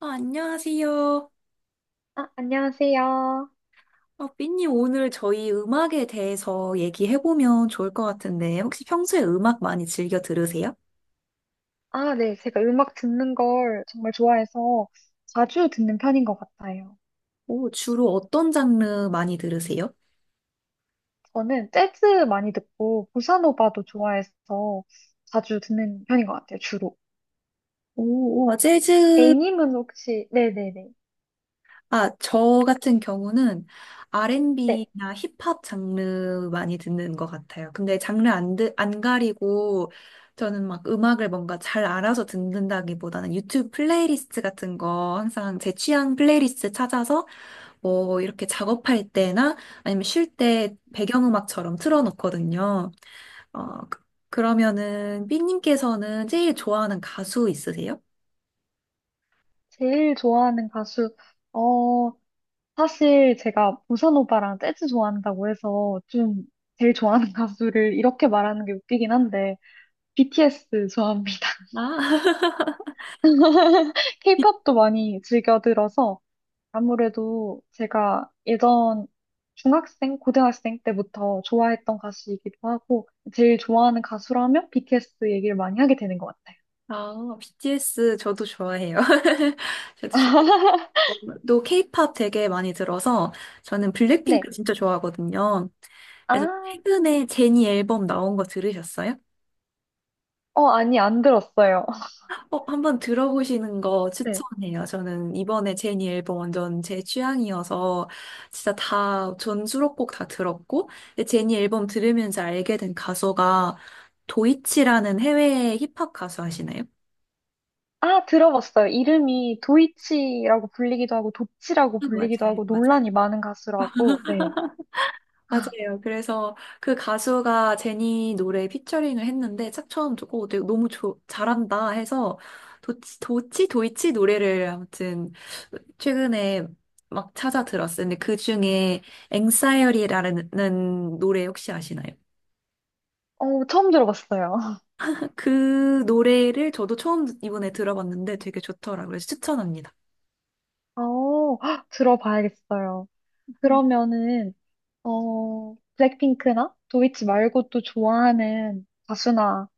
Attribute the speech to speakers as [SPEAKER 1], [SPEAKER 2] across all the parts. [SPEAKER 1] 안녕하세요.
[SPEAKER 2] 아, 안녕하세요.
[SPEAKER 1] 삐님, 오늘 저희 음악에 대해서 얘기해보면 좋을 것 같은데, 혹시 평소에 음악 많이 즐겨 들으세요?
[SPEAKER 2] 아, 네. 제가 음악 듣는 걸 정말 좋아해서 자주 듣는 편인 것 같아요.
[SPEAKER 1] 오, 주로 어떤 장르 많이 들으세요?
[SPEAKER 2] 저는 재즈 많이 듣고 보사노바도 좋아해서 자주 듣는 편인 것 같아요, 주로.
[SPEAKER 1] 오, 와, 재즈.
[SPEAKER 2] A님은 혹시, 네네네.
[SPEAKER 1] 아, 저 같은 경우는
[SPEAKER 2] 네.
[SPEAKER 1] R&B나 힙합 장르 많이 듣는 것 같아요. 근데 장르 안 가리고, 저는 막 음악을 뭔가 잘 알아서 듣는다기보다는 유튜브 플레이리스트 같은 거 항상 제 취향 플레이리스트 찾아서 뭐 이렇게 작업할 때나 아니면 쉴 때 배경음악처럼 틀어놓거든요. 어, 그- 그러면은 삐님께서는 제일 좋아하는 가수 있으세요?
[SPEAKER 2] 제일 좋아하는 가수, 어, 사실 제가 보사노바랑 재즈 좋아한다고 해서 좀 제일 좋아하는 가수를 이렇게 말하는 게 웃기긴 한데, BTS 좋아합니다.
[SPEAKER 1] 아,
[SPEAKER 2] 케이팝도 많이 즐겨 들어서 아무래도 제가 예전 중학생, 고등학생 때부터 좋아했던 가수이기도 하고, 제일 좋아하는 가수라면 BTS 얘기를 많이 하게 되는 것 같아요.
[SPEAKER 1] 아, BTS 저도 좋아해요. 저도 좋아하고 또 K-pop 되게 많이 들어서 저는 블랙핑크
[SPEAKER 2] 네.
[SPEAKER 1] 진짜 좋아하거든요.
[SPEAKER 2] 아,
[SPEAKER 1] 그래서 최근에 제니 앨범 나온 거 들으셨어요?
[SPEAKER 2] 어, 아니, 안 들었어요.
[SPEAKER 1] 한번 들어보시는 거
[SPEAKER 2] 네.
[SPEAKER 1] 추천해요. 저는 이번에 제니 앨범 완전 제 취향이어서 진짜 전 수록곡 다 들었고, 근데 제니 앨범 들으면서 알게 된 가수가 도이치라는 해외 힙합 가수 아시나요?
[SPEAKER 2] 아, 들어봤어요. 이름이 도이치라고 불리기도 하고, 도치라고
[SPEAKER 1] 아,
[SPEAKER 2] 불리기도
[SPEAKER 1] 맞아요,
[SPEAKER 2] 하고,
[SPEAKER 1] 맞아요.
[SPEAKER 2] 논란이 많은 가수라고. 네.
[SPEAKER 1] 맞아요. 그래서 그 가수가 제니 노래 피처링을 했는데 딱 처음 듣고 되게 너무 잘한다 해서 도이치 노래를 아무튼 최근에 막 찾아 들었어요. 근데 그 중에 앵싸이어리라는 노래 혹시 아시나요?
[SPEAKER 2] 어, 처음 들어봤어요.
[SPEAKER 1] 그 노래를 저도 처음 이번에 들어봤는데 되게 좋더라고요. 그래서 추천합니다.
[SPEAKER 2] 어, 헉, 들어봐야겠어요.
[SPEAKER 1] 음.
[SPEAKER 2] 그러면은, 블랙핑크나 도이치 말고 또 좋아하는 가수나,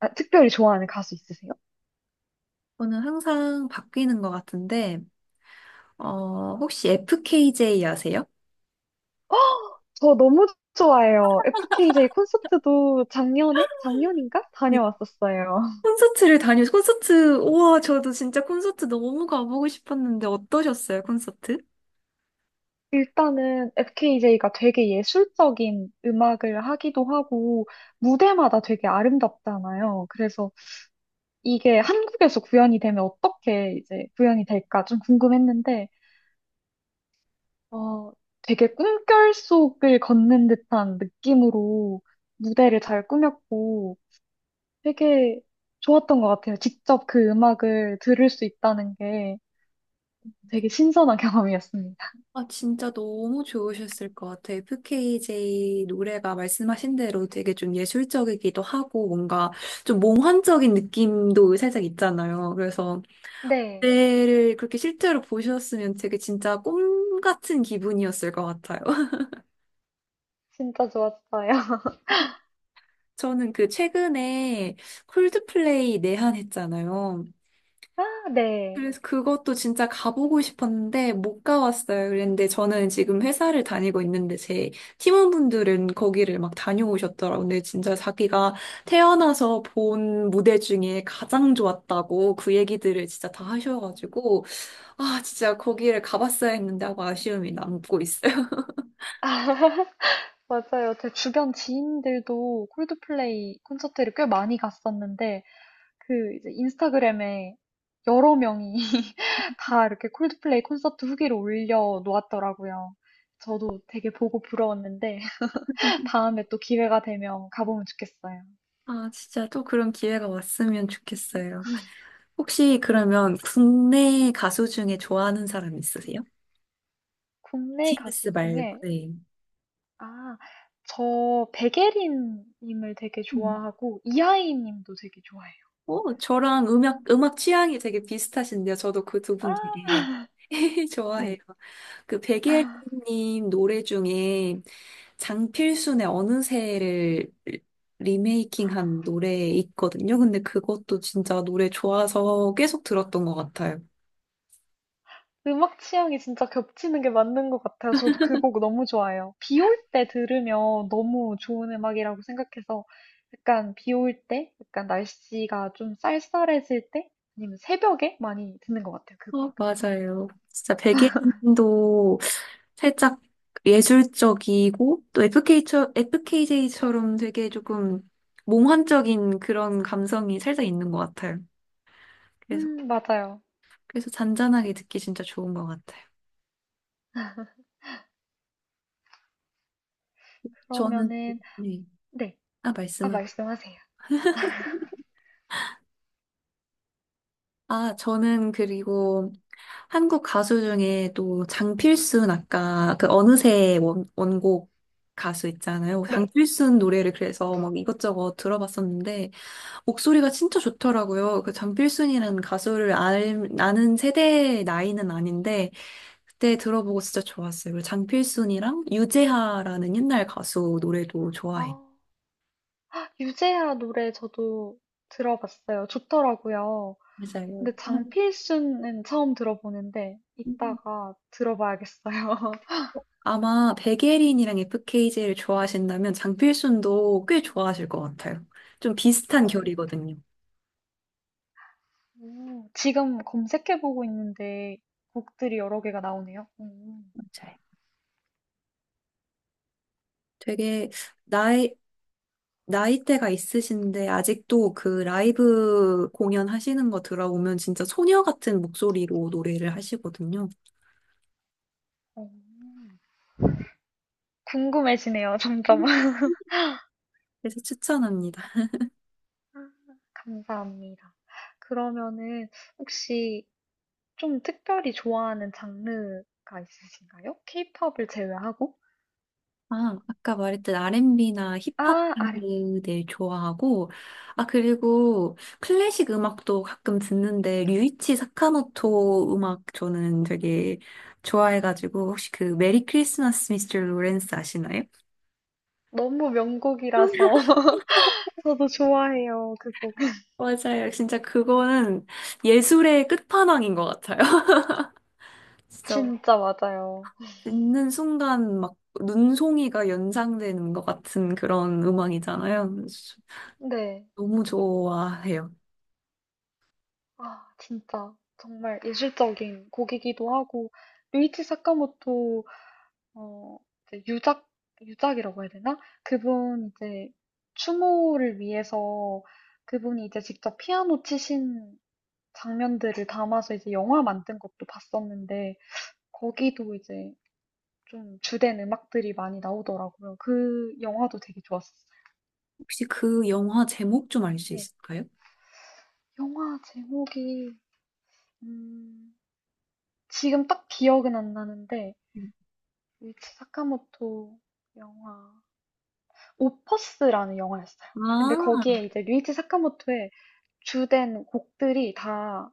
[SPEAKER 2] 아, 특별히 좋아하는 가수 있으세요?
[SPEAKER 1] 저는 항상 바뀌는 것 같은데, 혹시 FKJ 아세요?
[SPEAKER 2] 저 너무 좋아해요. FKJ 콘서트도 작년에? 작년인가? 다녀왔었어요.
[SPEAKER 1] 우와, 저도 진짜 콘서트 너무 가보고 싶었는데 어떠셨어요, 콘서트?
[SPEAKER 2] 일단은 FKJ가 되게 예술적인 음악을 하기도 하고, 무대마다 되게 아름답잖아요. 그래서 이게 한국에서 구현이 되면 어떻게 이제 구현이 될까 좀 궁금했는데, 어, 되게 꿈결 속을 걷는 듯한 느낌으로 무대를 잘 꾸몄고 되게 좋았던 것 같아요. 직접 그 음악을 들을 수 있다는 게 되게 신선한 경험이었습니다.
[SPEAKER 1] 아, 진짜 너무 좋으셨을 것 같아요. FKJ 노래가 말씀하신 대로 되게 좀 예술적이기도 하고 뭔가 좀 몽환적인 느낌도 살짝 있잖아요. 그래서
[SPEAKER 2] 네,
[SPEAKER 1] 그때를 그렇게 실제로 보셨으면 되게 진짜 꿈 같은 기분이었을 것 같아요.
[SPEAKER 2] 진짜 좋았어요.
[SPEAKER 1] 저는 그 최근에 콜드플레이 내한했잖아요.
[SPEAKER 2] 아, 네.
[SPEAKER 1] 그래서 그것도 진짜 가보고 싶었는데 못 가봤어요. 그런데 저는 지금 회사를 다니고 있는데 제 팀원분들은 거기를 막 다녀오셨더라고요. 근데 진짜 자기가 태어나서 본 무대 중에 가장 좋았다고 그 얘기들을 진짜 다
[SPEAKER 2] 음,
[SPEAKER 1] 하셔가지고 아 진짜 거기를 가봤어야 했는데 하고 아쉬움이 남고 있어요.
[SPEAKER 2] 맞아요. 제 주변 지인들도 콜드플레이 콘서트를 꽤 많이 갔었는데, 그 이제 인스타그램에 여러 명이 다 이렇게 콜드플레이 콘서트 후기를 올려 놓았더라고요. 저도 되게 보고 부러웠는데 다음에 또 기회가 되면 가보면 좋겠어요.
[SPEAKER 1] 아 진짜 또 그런 기회가 왔으면 좋겠어요. 혹시 그러면 국내 가수 중에 좋아하는 사람 있으세요?
[SPEAKER 2] 국내 가수
[SPEAKER 1] TBS 말고.
[SPEAKER 2] 중에 아, 저 백예린 님을 되게
[SPEAKER 1] 네.
[SPEAKER 2] 좋아하고 이하이 님도 되게 좋아해요.
[SPEAKER 1] 오, 저랑 음악 취향이 되게 비슷하신데요. 저도 그 두 분
[SPEAKER 2] 아,
[SPEAKER 1] 되게 좋아해요.
[SPEAKER 2] 네.
[SPEAKER 1] 그 백예린님 노래 중에 장필순의 어느새를 리메이킹한 노래 있거든요. 근데 그것도 진짜 노래 좋아서 계속 들었던 것 같아요.
[SPEAKER 2] 음악 취향이 진짜 겹치는 게 맞는 것 같아요. 저도 그 곡 너무 좋아해요. 비올 때 들으면 너무 좋은 음악이라고 생각해서 약간 비올 때, 약간 날씨가 좀 쌀쌀해질 때, 아니면 새벽에 많이 듣는 것 같아요. 그 곡.
[SPEAKER 1] 어, 맞아요. 진짜 백예린도 살짝 예술적이고 또 FKJ처럼 되게 조금 몽환적인 그런 감성이 살짝 있는 것 같아요. 그래서,
[SPEAKER 2] 맞아요.
[SPEAKER 1] 그래서 잔잔하게 듣기 진짜 좋은 것 같아요. 저는,
[SPEAKER 2] 그러면은,
[SPEAKER 1] 네.
[SPEAKER 2] 네.
[SPEAKER 1] 아,
[SPEAKER 2] 아,
[SPEAKER 1] 말씀하
[SPEAKER 2] 말씀하세요.
[SPEAKER 1] 저는 그리고 한국 가수 중에 또 장필순 아까 그 어느새 원곡 가수 있잖아요.
[SPEAKER 2] 네.
[SPEAKER 1] 장필순 노래를 그래서 막 이것저것 들어봤었는데 목소리가 진짜 좋더라고요. 그 장필순이라는 가수를 아는 세대의 나이는 아닌데, 그때 들어보고 진짜 좋았어요. 그리고 장필순이랑 유재하라는 옛날 가수 노래도
[SPEAKER 2] 아,
[SPEAKER 1] 좋아해.
[SPEAKER 2] 유재하 노래 저도 들어봤어요. 좋더라고요.
[SPEAKER 1] 맞아요.
[SPEAKER 2] 근데
[SPEAKER 1] 아,
[SPEAKER 2] 장필순은 처음 들어보는데,
[SPEAKER 1] 음.
[SPEAKER 2] 이따가 들어봐야겠어요.
[SPEAKER 1] 아마 백예린이랑 FKJ를 좋아하신다면 장필순도 꽤 좋아하실 것 같아요. 좀 비슷한
[SPEAKER 2] 어,
[SPEAKER 1] 결이거든요.
[SPEAKER 2] 지금 검색해보고 있는데 곡들이 여러 개가 나오네요.
[SPEAKER 1] 맞아요. 되게 나의 나이대가 있으신데 아직도 그 라이브 공연 하시는 거 들어보면 진짜 소녀 같은 목소리로 노래를 하시거든요.
[SPEAKER 2] 어, 궁금해지네요, 점점.
[SPEAKER 1] 그래서 추천합니다.
[SPEAKER 2] 아, 감사합니다. 그러면은 혹시 좀 특별히 좋아하는 장르가 있으신가요? 케이팝을 제외하고?
[SPEAKER 1] 아, 아까 말했던 R&B나 힙합
[SPEAKER 2] 아, R&B.
[SPEAKER 1] 들 좋아하고, 아, 그리고 클래식 음악도 가끔 듣는데, 류이치 사카모토 음악 저는 되게 좋아해가지고, 혹시 그 메리 크리스마스 미스터 로렌스 아시나요?
[SPEAKER 2] 너무 명곡이라서 저도 좋아해요, 그 곡.
[SPEAKER 1] 맞아요. 진짜 그거는 예술의 끝판왕인 것 같아요. 진짜
[SPEAKER 2] 진짜 맞아요.
[SPEAKER 1] 듣는 순간 막 눈송이가 연상되는 것 같은 그런 음악이잖아요. 그래서
[SPEAKER 2] 네.
[SPEAKER 1] 너무 좋아해요.
[SPEAKER 2] 아, 진짜 정말 예술적인 곡이기도 하고 루이치 사카모토 어, 이제 유작, 유작이라고 해야 되나? 그분 이제 추모를 위해서 그분이 이제 직접 피아노 치신 장면들을 담아서 이제 영화 만든 것도 봤었는데 거기도 이제 좀 주된 음악들이 많이 나오더라고요. 그 영화도 되게 좋았었어요.
[SPEAKER 1] 혹시 그 영화 제목 좀 알 수
[SPEAKER 2] 네,
[SPEAKER 1] 있을까요?
[SPEAKER 2] 영화 제목이 음, 지금 딱 기억은 안 나는데 유이치 사카모토 영화 오퍼스라는 영화였어요. 근데
[SPEAKER 1] 아,
[SPEAKER 2] 거기에 이제 류이치 사카모토의 주된 곡들이 다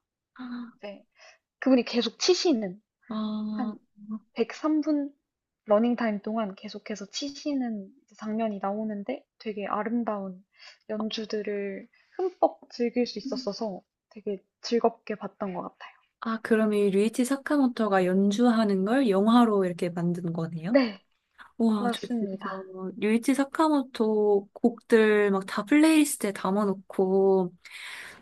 [SPEAKER 2] 이제 그분이 계속 치시는
[SPEAKER 1] 아,
[SPEAKER 2] 한 103분 러닝타임 동안 계속해서 치시는 장면이 나오는데 되게 아름다운 연주들을 흠뻑 즐길 수 있었어서 되게 즐겁게 봤던 것 같아요.
[SPEAKER 1] 아, 그럼 이 류이치 사카모토가 연주하는 걸 영화로 이렇게 만든 거네요?
[SPEAKER 2] 네,
[SPEAKER 1] 와, 저 진짜
[SPEAKER 2] 맞습니다.
[SPEAKER 1] 류이치 사카모토 곡들 막 다 플레이리스트에 담아놓고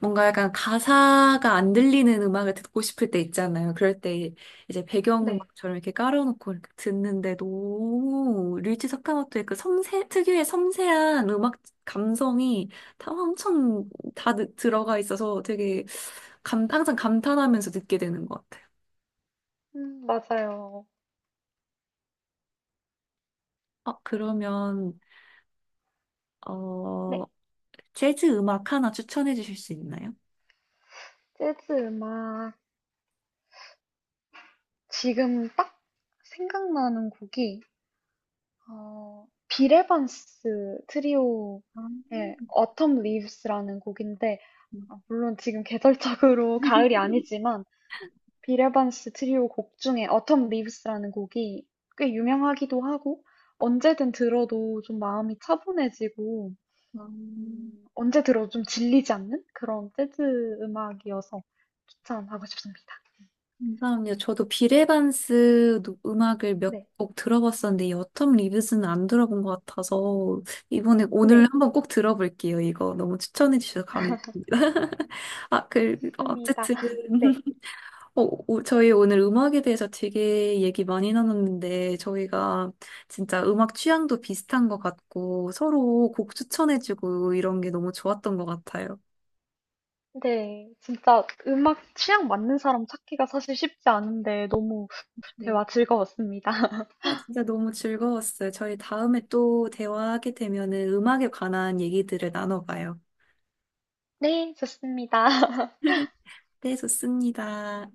[SPEAKER 1] 뭔가 약간 가사가 안 들리는 음악을 듣고 싶을 때 있잖아요. 그럴 때 이제
[SPEAKER 2] 네,
[SPEAKER 1] 배경음악처럼 이렇게 깔아놓고 이렇게 듣는데 너무 류치 사카모토의 그 특유의 섬세한 음악 감성이 다 엄청 다 들어가 있어서 되게 항상 감탄하면서 듣게 되는 것 같아요.
[SPEAKER 2] 맞아요.
[SPEAKER 1] 그러면, 어,
[SPEAKER 2] 네,
[SPEAKER 1] 재즈 음악 하나 추천해 주실 수 있나요?
[SPEAKER 2] 재즈 음악. 지금 딱 생각나는 곡이 빌 에반스
[SPEAKER 1] 아,
[SPEAKER 2] 트리오의 Autumn Leaves라는 곡인데 아, 물론 지금 계절적으로 가을이 아니지만 빌 에반스 트리오 곡 중에 Autumn Leaves라는 곡이 꽤 유명하기도 하고 언제든 들어도 좀 마음이 차분해지고
[SPEAKER 1] 음.
[SPEAKER 2] 언제 들어도 좀 질리지 않는 그런 재즈 음악이어서 추천하고 싶습니다.
[SPEAKER 1] 감사합니다. 저도 비레반스 음악을 몇
[SPEAKER 2] 네,
[SPEAKER 1] 곡 들어봤었는데 여텀 리뷰스는 안 들어본 것 같아서 이번에 오늘
[SPEAKER 2] 네,
[SPEAKER 1] 한번 꼭 들어볼게요. 이거 너무 추천해 주셔서 감사합니다. 아, 그
[SPEAKER 2] 있습니다.
[SPEAKER 1] 어쨌든
[SPEAKER 2] 네.
[SPEAKER 1] 어, 저희 오늘 음악에 대해서 되게 얘기 많이 나눴는데 저희가 진짜 음악 취향도 비슷한 것 같고 서로 곡 추천해주고 이런 게 너무 좋았던 것 같아요.
[SPEAKER 2] 네, 진짜 음악 취향 맞는 사람 찾기가 사실 쉽지 않은데 너무 대화 즐거웠습니다.
[SPEAKER 1] 아, 진짜 너무 즐거웠어요. 저희 다음에 또 대화하게 되면은 음악에 관한 얘기들을 나눠봐요.
[SPEAKER 2] 네, 좋습니다.
[SPEAKER 1] 네, 좋습니다.